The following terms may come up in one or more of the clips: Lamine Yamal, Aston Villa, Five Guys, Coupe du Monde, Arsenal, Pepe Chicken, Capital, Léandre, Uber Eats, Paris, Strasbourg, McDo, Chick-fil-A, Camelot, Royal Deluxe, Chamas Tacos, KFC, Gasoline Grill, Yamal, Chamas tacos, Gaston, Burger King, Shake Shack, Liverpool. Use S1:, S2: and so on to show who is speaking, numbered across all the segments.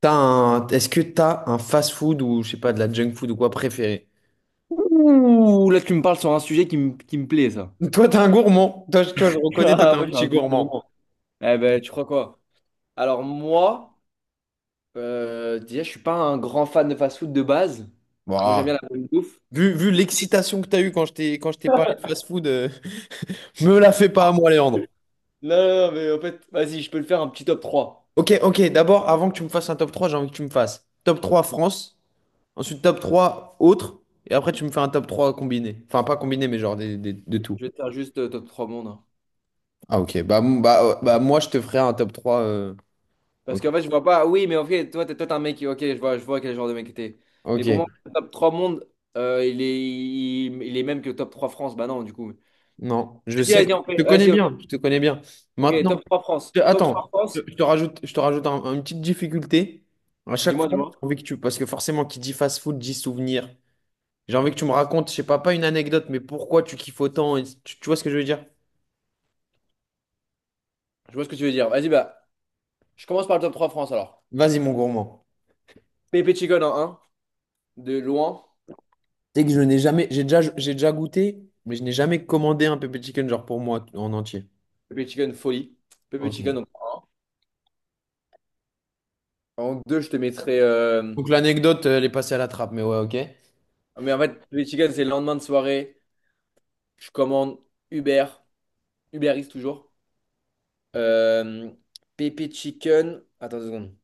S1: Est-ce que t'as un fast-food ou je sais pas de la junk food ou quoi préféré?
S2: Ouh, là, tu me parles sur un sujet qui me plaît, ça.
S1: Toi, t'es un gourmand. Toi, je reconnais, toi, t'es
S2: Ah,
S1: un
S2: moi, je suis
S1: petit
S2: un grand
S1: gourmand.
S2: gourmand. Eh ben, tu crois quoi? Alors, moi, déjà, je suis pas un grand fan de fast-food de base. Parce que moi, j'aime bien
S1: Bah,
S2: la...
S1: vu l'excitation que t'as eue quand je t'ai parlé de fast-food, me la fais pas à moi, Léandre.
S2: Non, non, non, mais en fait, vas-y, je peux le faire un petit top 3.
S1: Ok, ok. D'abord, avant que tu me fasses un top 3, j'ai envie que tu me fasses top 3 France, ensuite top 3 autres, et après tu me fais un top 3 combiné. Enfin, pas combiné, mais genre de tout.
S2: Je vais te faire juste top 3 monde, hein.
S1: Ah ok, bah, bah, bah moi je te ferai un top 3.
S2: Parce
S1: Ok.
S2: qu'en fait, je vois pas... Oui, mais en fait, toi, t'es un mec... Ok, je vois quel genre de mec t'es. Mais pour
S1: Ok.
S2: moi, le top 3 monde, euh, il est, il est même que le top 3 France. Bah non, du coup.
S1: Non, je
S2: Vas-y,
S1: sais,
S2: vas-y, on
S1: je
S2: fait...
S1: te connais
S2: Vas-y, ok,
S1: bien, je te connais bien.
S2: ok,
S1: Maintenant,
S2: top 3 France. Top 3
S1: attends, je
S2: France,
S1: je te rajoute, je te rajoute une petite difficulté. À chaque
S2: dis-moi,
S1: fois, j'ai
S2: dis-moi.
S1: envie que tu, parce que forcément, qui dit fast-food dit souvenir. J'ai envie que tu me racontes, je sais pas, pas une anecdote, mais pourquoi tu kiffes autant, et tu vois ce que je veux dire?
S2: Je vois ce que tu veux dire. Vas-y, bah, je commence par le top 3 France alors.
S1: Vas-y, mon gourmand.
S2: Pepe Chicken en un, de loin.
S1: Tu que je n'ai jamais, j'ai déjà goûté, mais je n'ai jamais commandé un pepper chicken genre pour moi en entier.
S2: Pepe Chicken folie. Pepe Chicken
S1: Ok.
S2: en 2, je te mettrai,
S1: Donc l'anecdote, elle est passée à la trappe, mais ouais, ok.
S2: mais en fait, Pepe Chicken, c'est le lendemain de soirée. Je commande Uber. Uber Eats toujours. Euh... Pepe Chicken. Attends deux secondes.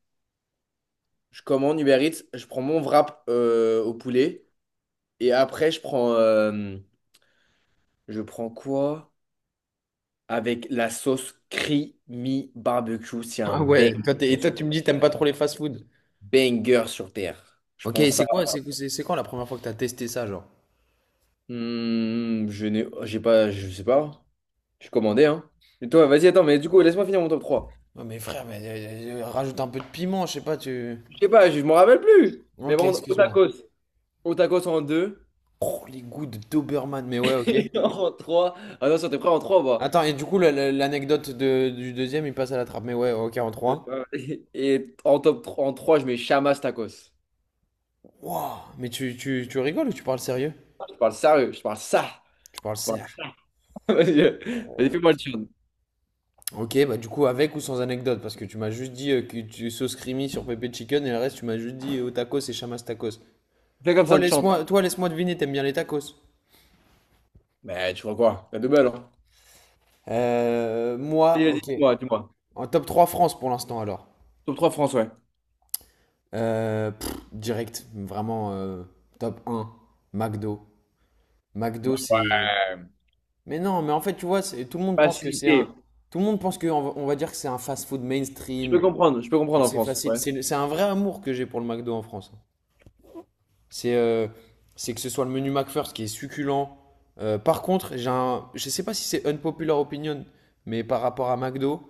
S2: Je commande Uber Eats. Je prends mon wrap au poulet. Et après, je prends quoi? Avec la sauce creamy barbecue. C'est un
S1: Ah
S2: bang.
S1: ouais, toi, et toi, tu me dis, t'aimes pas trop les fast-food.
S2: Banger sur Terre. Je
S1: Ok,
S2: prends
S1: c'est
S2: ça.
S1: quoi, c'est quand la première fois que t'as testé ça, genre?
S2: Hmm, je n'ai, j'ai pas, je sais pas. Je commandé, hein. Et toi, vas-y, attends, mais du coup, laisse-moi finir mon top 3.
S1: Ouais, mais frère, mais rajoute un peu de piment, je sais pas, tu.
S2: Je sais pas, je m'en rappelle plus. Mais
S1: Ok,
S2: bon, au
S1: excuse-moi.
S2: tacos. Au tacos en 2.
S1: Oh, les goûts de Doberman, mais ouais, ok.
S2: En 3. Attention, t'es prêt en 3, bah.
S1: Attends, et du coup, l'anecdote du deuxième, il passe à la trappe, mais ouais, ok, en trois.
S2: Et en top 3, en 3, je mets Chamas tacos.
S1: Wow, mais tu rigoles ou tu parles sérieux?
S2: Je parle sérieux, je parle ça.
S1: Tu parles
S2: Je parle
S1: serre.
S2: ça. Vas-y, vas-y, fais-moi le chant.
S1: Ok, bah du coup, avec ou sans anecdote, parce que tu m'as juste dit que tu sauces creamy sur pépé chicken et le reste, tu m'as juste dit au tacos et chamas tacos.
S2: Fais comme
S1: Toi,
S2: ça, te chante.
S1: laisse-moi, toi, laisse-moi deviner, t'aimes bien les tacos?
S2: Mais tu vois quoi? La double, hein. Vas-y,
S1: Moi,
S2: vas-y,
S1: ok.
S2: dis-moi, dis-moi.
S1: En top 3 France pour l'instant alors.
S2: Top trois France, ouais.
S1: Direct, vraiment top un McDo. McDo
S2: Bah,
S1: c'est... Mais non, mais en fait tu vois, tout le monde pense que c'est un...
S2: facilité.
S1: Tout le monde pense que, on va dire que c'est un fast-food mainstream,
S2: Je peux
S1: que
S2: comprendre en
S1: c'est
S2: France.
S1: facile.
S2: Ouais.
S1: C'est un vrai amour que j'ai pour le McDo en France. C'est euh, c'est que ce soit le menu McFirst qui est succulent. Par contre, j'ai un... je sais pas si c'est unpopular opinion, mais par rapport à McDo,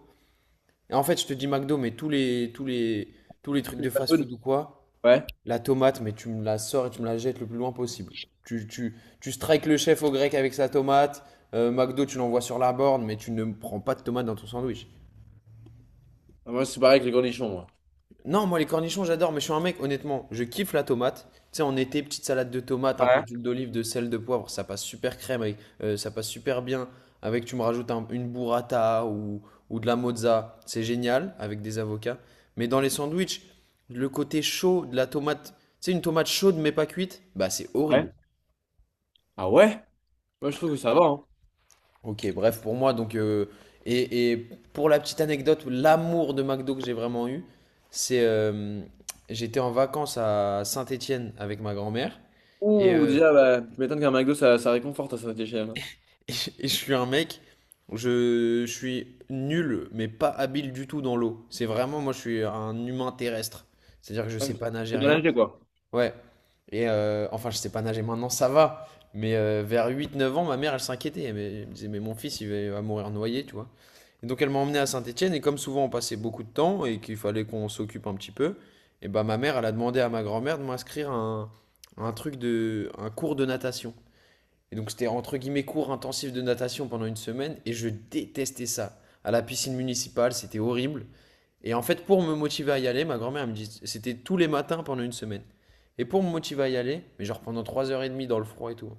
S1: en fait je te dis McDo, mais tous les trucs
S2: Tous les
S1: de
S2: fast
S1: fast-food
S2: food.
S1: ou quoi.
S2: Ouais.
S1: La tomate, mais tu me la sors et tu me la jettes le plus loin possible. Tu strikes le chef au grec avec sa tomate. McDo, tu l'envoies sur la borne, mais tu ne prends pas de tomate dans ton sandwich.
S2: Ah, moi, c'est pareil avec les cornichons, moi.
S1: Non, moi les cornichons, j'adore, mais je suis un mec, honnêtement, je kiffe la tomate. Tu sais, en été, petite salade de tomate, un peu
S2: Ouais.
S1: d'huile d'olive, de sel, de poivre, ça passe super crème, avec, ça passe super bien. Avec, tu me rajoutes une burrata ou de la mozza, c'est génial, avec des avocats. Mais dans les sandwichs, le côté chaud de la tomate, tu sais, une tomate chaude mais pas cuite, bah c'est horrible.
S2: Ouais. Ah ouais? Moi, je trouve que ça va, hein.
S1: Ok, bref, pour moi, donc, et pour la petite anecdote, l'amour de McDo que j'ai vraiment eu, c'est j'étais en vacances à Saint-Étienne avec ma grand-mère, et,
S2: Ouh,
S1: euh,
S2: déjà, bah, tu m'étonnes qu'un McDo, ça réconforte à cette échelle, hein.
S1: et je suis un mec, je suis nul, mais pas habile du tout dans l'eau. C'est vraiment, moi, je suis un humain terrestre, c'est-à-dire que je
S2: Ouais,
S1: sais pas nager
S2: c'est bien
S1: rien.
S2: acheté, quoi.
S1: Ouais. Et enfin, je sais pas nager maintenant, ça va. Mais vers 8 9 ans, ma mère, elle s'inquiétait. Elle me disait, mais mon fils, il va mourir noyé, tu vois. Et donc, elle m'a emmené à Saint-Étienne. Et comme souvent, on passait beaucoup de temps et qu'il fallait qu'on s'occupe un petit peu, et bah, ma mère, elle a demandé à ma grand-mère de m'inscrire à un, truc de, un cours de natation. Et donc c'était entre guillemets cours intensif de natation pendant une semaine et je détestais ça. À la piscine municipale, c'était horrible. Et en fait, pour me motiver à y aller, ma grand-mère elle me dit, c'était tous les matins pendant une semaine. Et pour me motiver à y aller, mais genre pendant 3 heures et demie dans le froid et tout, hein.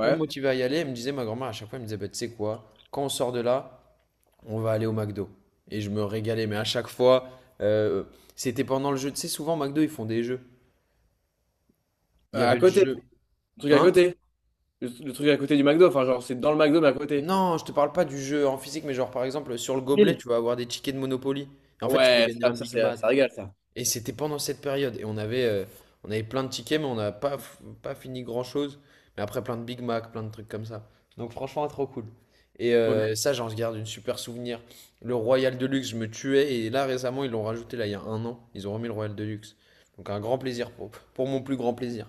S1: Pour me motiver à y aller, elle me disait, ma grand-mère à chaque fois, elle me disait, bah, tu sais quoi, quand on sort de là, on va aller au McDo. Et je me régalais, mais à chaque fois, euh, c'était pendant le jeu. Tu sais, souvent, au McDo, ils font des jeux. Il y
S2: À
S1: avait le
S2: côté.
S1: jeu.
S2: Le truc à
S1: Hein?
S2: côté. Le truc à côté du McDo. Enfin, genre, c'est dans le McDo, mais à côté.
S1: Non, je te parle pas du jeu en physique, mais genre par exemple sur le gobelet,
S2: Ville.
S1: tu vas avoir des tickets de Monopoly. Et en
S2: Ah,
S1: fait, tu peux
S2: ouais,
S1: gagner un
S2: ça,
S1: Big Mac.
S2: ça régale, ça.
S1: Et c'était pendant cette période. Et on avait plein de tickets, mais on n'a pas, pas fini grand-chose. Mais après, plein de Big Mac, plein de trucs comme ça. Donc franchement, trop cool. Et
S2: Ok.
S1: ça, j'en garde une super souvenir. Le Royal Deluxe, je me tuais. Et là, récemment, ils l'ont rajouté, là, il y a un an. Ils ont remis le Royal Deluxe. Donc un grand plaisir pour, mon plus grand plaisir.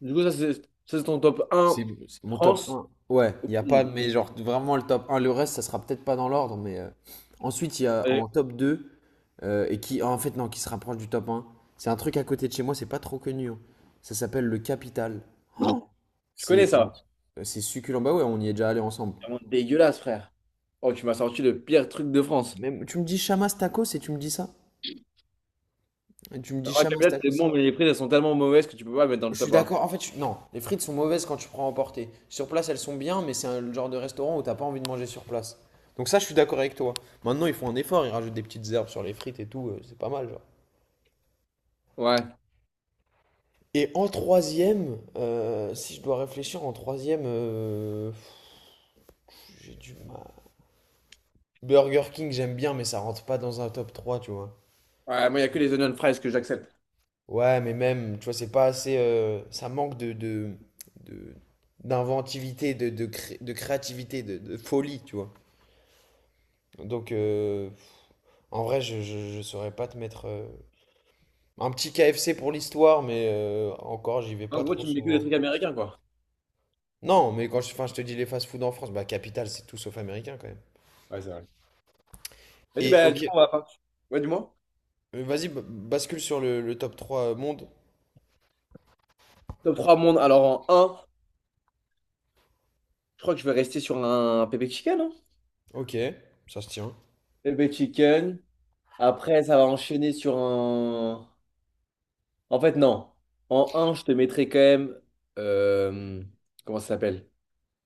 S2: Du coup, ça, c'est ton top 1
S1: C'est mon top
S2: France.
S1: un. Ouais, il n'y a pas,
S2: Non.
S1: mais genre vraiment le top un. Le reste, ça sera peut-être pas dans l'ordre, mais ensuite, il y a
S2: Allez.
S1: en top deux, et qui, en fait, non, qui se rapproche du top un. C'est un truc à côté de chez moi, c'est pas trop connu, hein. Ça s'appelle le Capital. Oh,
S2: Je connais
S1: c'est
S2: ça.
S1: euh, c'est succulent. Bah ouais, on y est déjà allé ensemble.
S2: C'est vraiment dégueulasse, frère. Oh, tu m'as sorti le pire truc de France.
S1: Même, tu me dis Chamas Tacos et tu me dis ça? Et tu me dis
S2: Ouais,
S1: Chamas
S2: Camelot, c'est
S1: Tacos?
S2: bon, mais les frites, elles sont tellement mauvaises que tu peux pas les mettre dans
S1: Je
S2: le
S1: suis
S2: top 1.
S1: d'accord. En fait, non, les frites sont mauvaises quand tu prends à emporter. Sur place, elles sont bien, mais c'est un le genre de restaurant où t'as pas envie de manger sur place. Donc ça, je suis d'accord avec toi. Maintenant, ils font un effort, ils rajoutent des petites herbes sur les frites et tout, c'est pas mal, genre.
S2: Ouais.
S1: Et en troisième, si je dois réfléchir, en troisième, j'ai du mal. Burger King, j'aime bien, mais ça rentre pas dans un top trois, tu vois.
S2: Ouais, moi, il y a que les onion fries que j'accepte.
S1: Ouais, mais même, tu vois, c'est pas assez. Ça manque de- d'inventivité, de créativité, de folie, tu vois. Donc, en vrai, je saurais pas te mettre. Un petit KFC pour l'histoire, mais encore, j'y vais
S2: En
S1: pas
S2: gros,
S1: trop
S2: tu me mets que des
S1: souvent.
S2: trucs américains, quoi.
S1: Non, mais quand je, enfin, je te dis les fast-food en France, bah Capital, c'est tout sauf américain quand même.
S2: Ouais, c'est vrai. Vas-y,
S1: Et
S2: bah, du
S1: ok,
S2: coup, on va pas. Ouais, dis-moi.
S1: vas-y, bascule sur le, top 3 monde.
S2: Top 3 monde. Alors, en un, je crois que je vais rester sur un pépé chicken, hein.
S1: Ok, ça se tient.
S2: Pépé chicken. Après, ça va enchaîner sur un. En fait, non. En un, je te mettrai quand même, euh, comment ça s'appelle?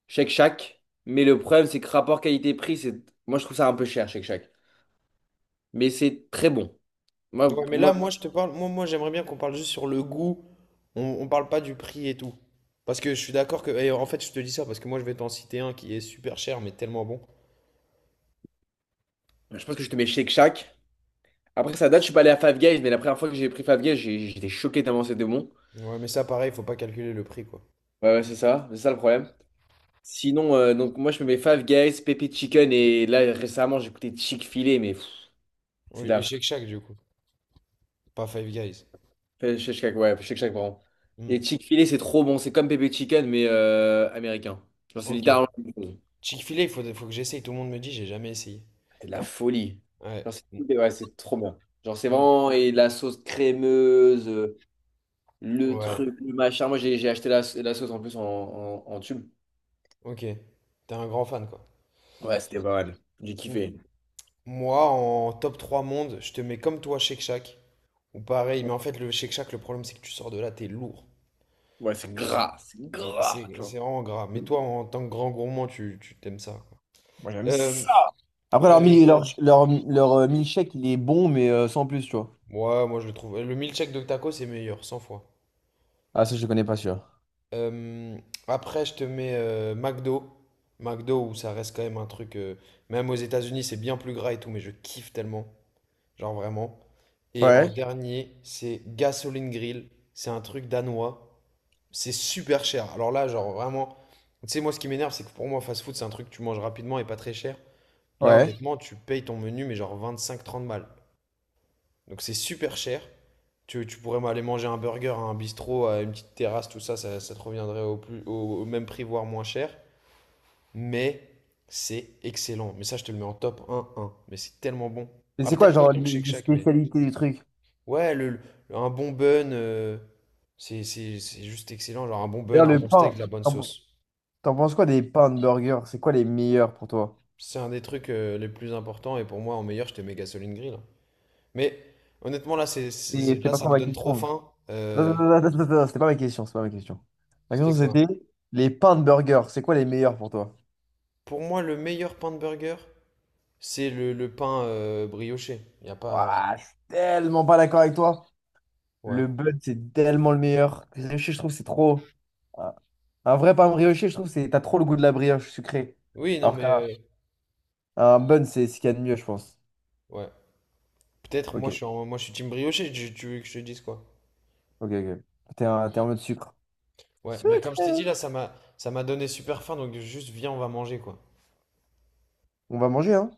S2: Shake Shack. Mais le problème, c'est que rapport qualité-prix, c'est. Moi, je trouve ça un peu cher, Shake Shack. Mais c'est très bon. Moi,
S1: Ouais, mais
S2: pour
S1: là,
S2: moi,
S1: moi, je te parle. moi j'aimerais bien qu'on parle juste sur le goût. On parle pas du prix et tout. Parce que je suis d'accord que, et en fait, je te dis ça parce que moi, je vais t'en citer un qui est super cher, mais tellement bon.
S2: je pense que je te mets Shake Shack. Après, ça date, je suis pas allé à Five Guys, mais la première fois que j'ai pris Five Guys, j'étais choqué tellement c'était bon.
S1: Ouais, mais ça, pareil, faut pas calculer le prix, quoi.
S2: Ouais, ouais, c'est ça le problème. Sinon, donc moi, je me mets Five Guys, Pepe Chicken, et là, récemment, j'ai écouté Chick-fil-A, mais c'est
S1: Oui,
S2: de
S1: et
S2: la.
S1: Shake Shack, du coup. Pas Five Guys.
S2: Shake Shack, ouais, Shake Shack, pardon.
S1: Hmm.
S2: Et Chick-fil-A, c'est trop bon, c'est comme Pepe Chicken, mais américain. Genre, c'est
S1: Ok.
S2: littéralement la même chose.
S1: Chick-fil-A, faut que j'essaye. Tout le monde me dit, j'ai jamais essayé.
S2: C'est de la folie.
S1: Ouais.
S2: Genre,
S1: Mm,
S2: c'est, ouais, c'est trop bien. Genre, c'est
S1: mm,
S2: vraiment. Et la sauce crémeuse, le
S1: ouais.
S2: truc, le machin. Moi, j'ai acheté la sauce en plus en tube.
S1: Ok. T'es un grand fan, quoi.
S2: Ouais, c'était pas mal. J'ai
S1: Mm.
S2: kiffé.
S1: Moi, en top 3 monde, je te mets comme toi, Shake Shack. Ou pareil, mais en fait, le Shake Shack, le problème, c'est que tu sors de là, t'es lourd.
S2: Ouais,
S1: Euh,
S2: c'est gras,
S1: c'est
S2: tu
S1: c'est
S2: vois.
S1: vraiment gras. Mais toi, en tant que grand gourmand, tu t'aimes ça, quoi.
S2: Moi, j'aime
S1: Euh,
S2: ça. Après, leur,
S1: euh,
S2: mil- leur, leur, leur, euh, milkshake, il est bon, mais sans plus, tu vois.
S1: ouais, moi, je le trouve. Le milkshake de taco, c'est meilleur, 100 fois.
S2: Ah, ça, je le connais pas, sûr.
S1: Euh, Après, je te mets McDo. McDo, où ça reste quand même un truc. Même aux États-Unis, c'est bien plus gras et tout, mais je kiffe tellement. Genre vraiment. Et en
S2: Ouais.
S1: dernier, c'est Gasoline Grill. C'est un truc danois. C'est super cher. Alors là, genre vraiment. Tu sais, moi, ce qui m'énerve, c'est que pour moi, fast food, c'est un truc que tu manges rapidement et pas très cher. Là,
S2: Ouais.
S1: honnêtement, tu payes ton menu, mais genre 25 30 balles. Donc c'est super cher. Tu pourrais aller manger un burger à un bistrot, à une petite terrasse, tout ça te reviendrait au, plus, au même prix, voire moins cher. Mais c'est excellent. Mais ça, je te le mets en top un. Mais c'est tellement bon.
S2: Mais
S1: Ah,
S2: c'est quoi,
S1: peut-être pas
S2: genre,
S1: autant que
S2: les,
S1: Shake
S2: les
S1: Shack, mais.
S2: spécialités du truc?
S1: Ouais, un bon bun, c'est juste excellent. Genre un bon bun,
S2: D'ailleurs,
S1: un
S2: le
S1: bon steak, de
S2: pain,
S1: la bonne
S2: t'en
S1: sauce.
S2: t'en penses quoi des pains de burger? C'est quoi les meilleurs pour toi?
S1: C'est un des trucs, les plus importants. Et pour moi, en meilleur, je te mets Gasoline Grill. Mais honnêtement, là,
S2: C'est
S1: là
S2: pas
S1: ça
S2: trop
S1: me
S2: ma
S1: donne trop
S2: question.
S1: faim.
S2: Non, non, non, non, non, non, non, c'était pas ma question, c'est pas ma question. Ma question,
S1: C'était quoi?
S2: c'était les pains de burger, c'est quoi les meilleurs pour toi?
S1: Pour moi, le meilleur pain de burger, c'est le pain brioché. Il a pas.
S2: Ouah, je suis tellement pas d'accord avec toi.
S1: Ouais.
S2: Le bud, c'est tellement le meilleur. Brioché, je trouve, c'est trop. Un un vrai pain brioché, je trouve, c'est t'as trop le goût de la brioche sucrée.
S1: Oui, non,
S2: Alors
S1: mais,
S2: qu'un un bun, c'est ce qu'il y a de mieux, je pense.
S1: ouais. Peut-être,
S2: Ok,
S1: moi, moi, je suis team brioché. Tu veux que je te dise quoi?
S2: ok, ok. T'es en mode sucre.
S1: Ouais, mais comme je
S2: Sucré.
S1: t'ai dit, là, ça m'a donné super faim, donc juste viens, on va manger, quoi.
S2: On va manger, hein.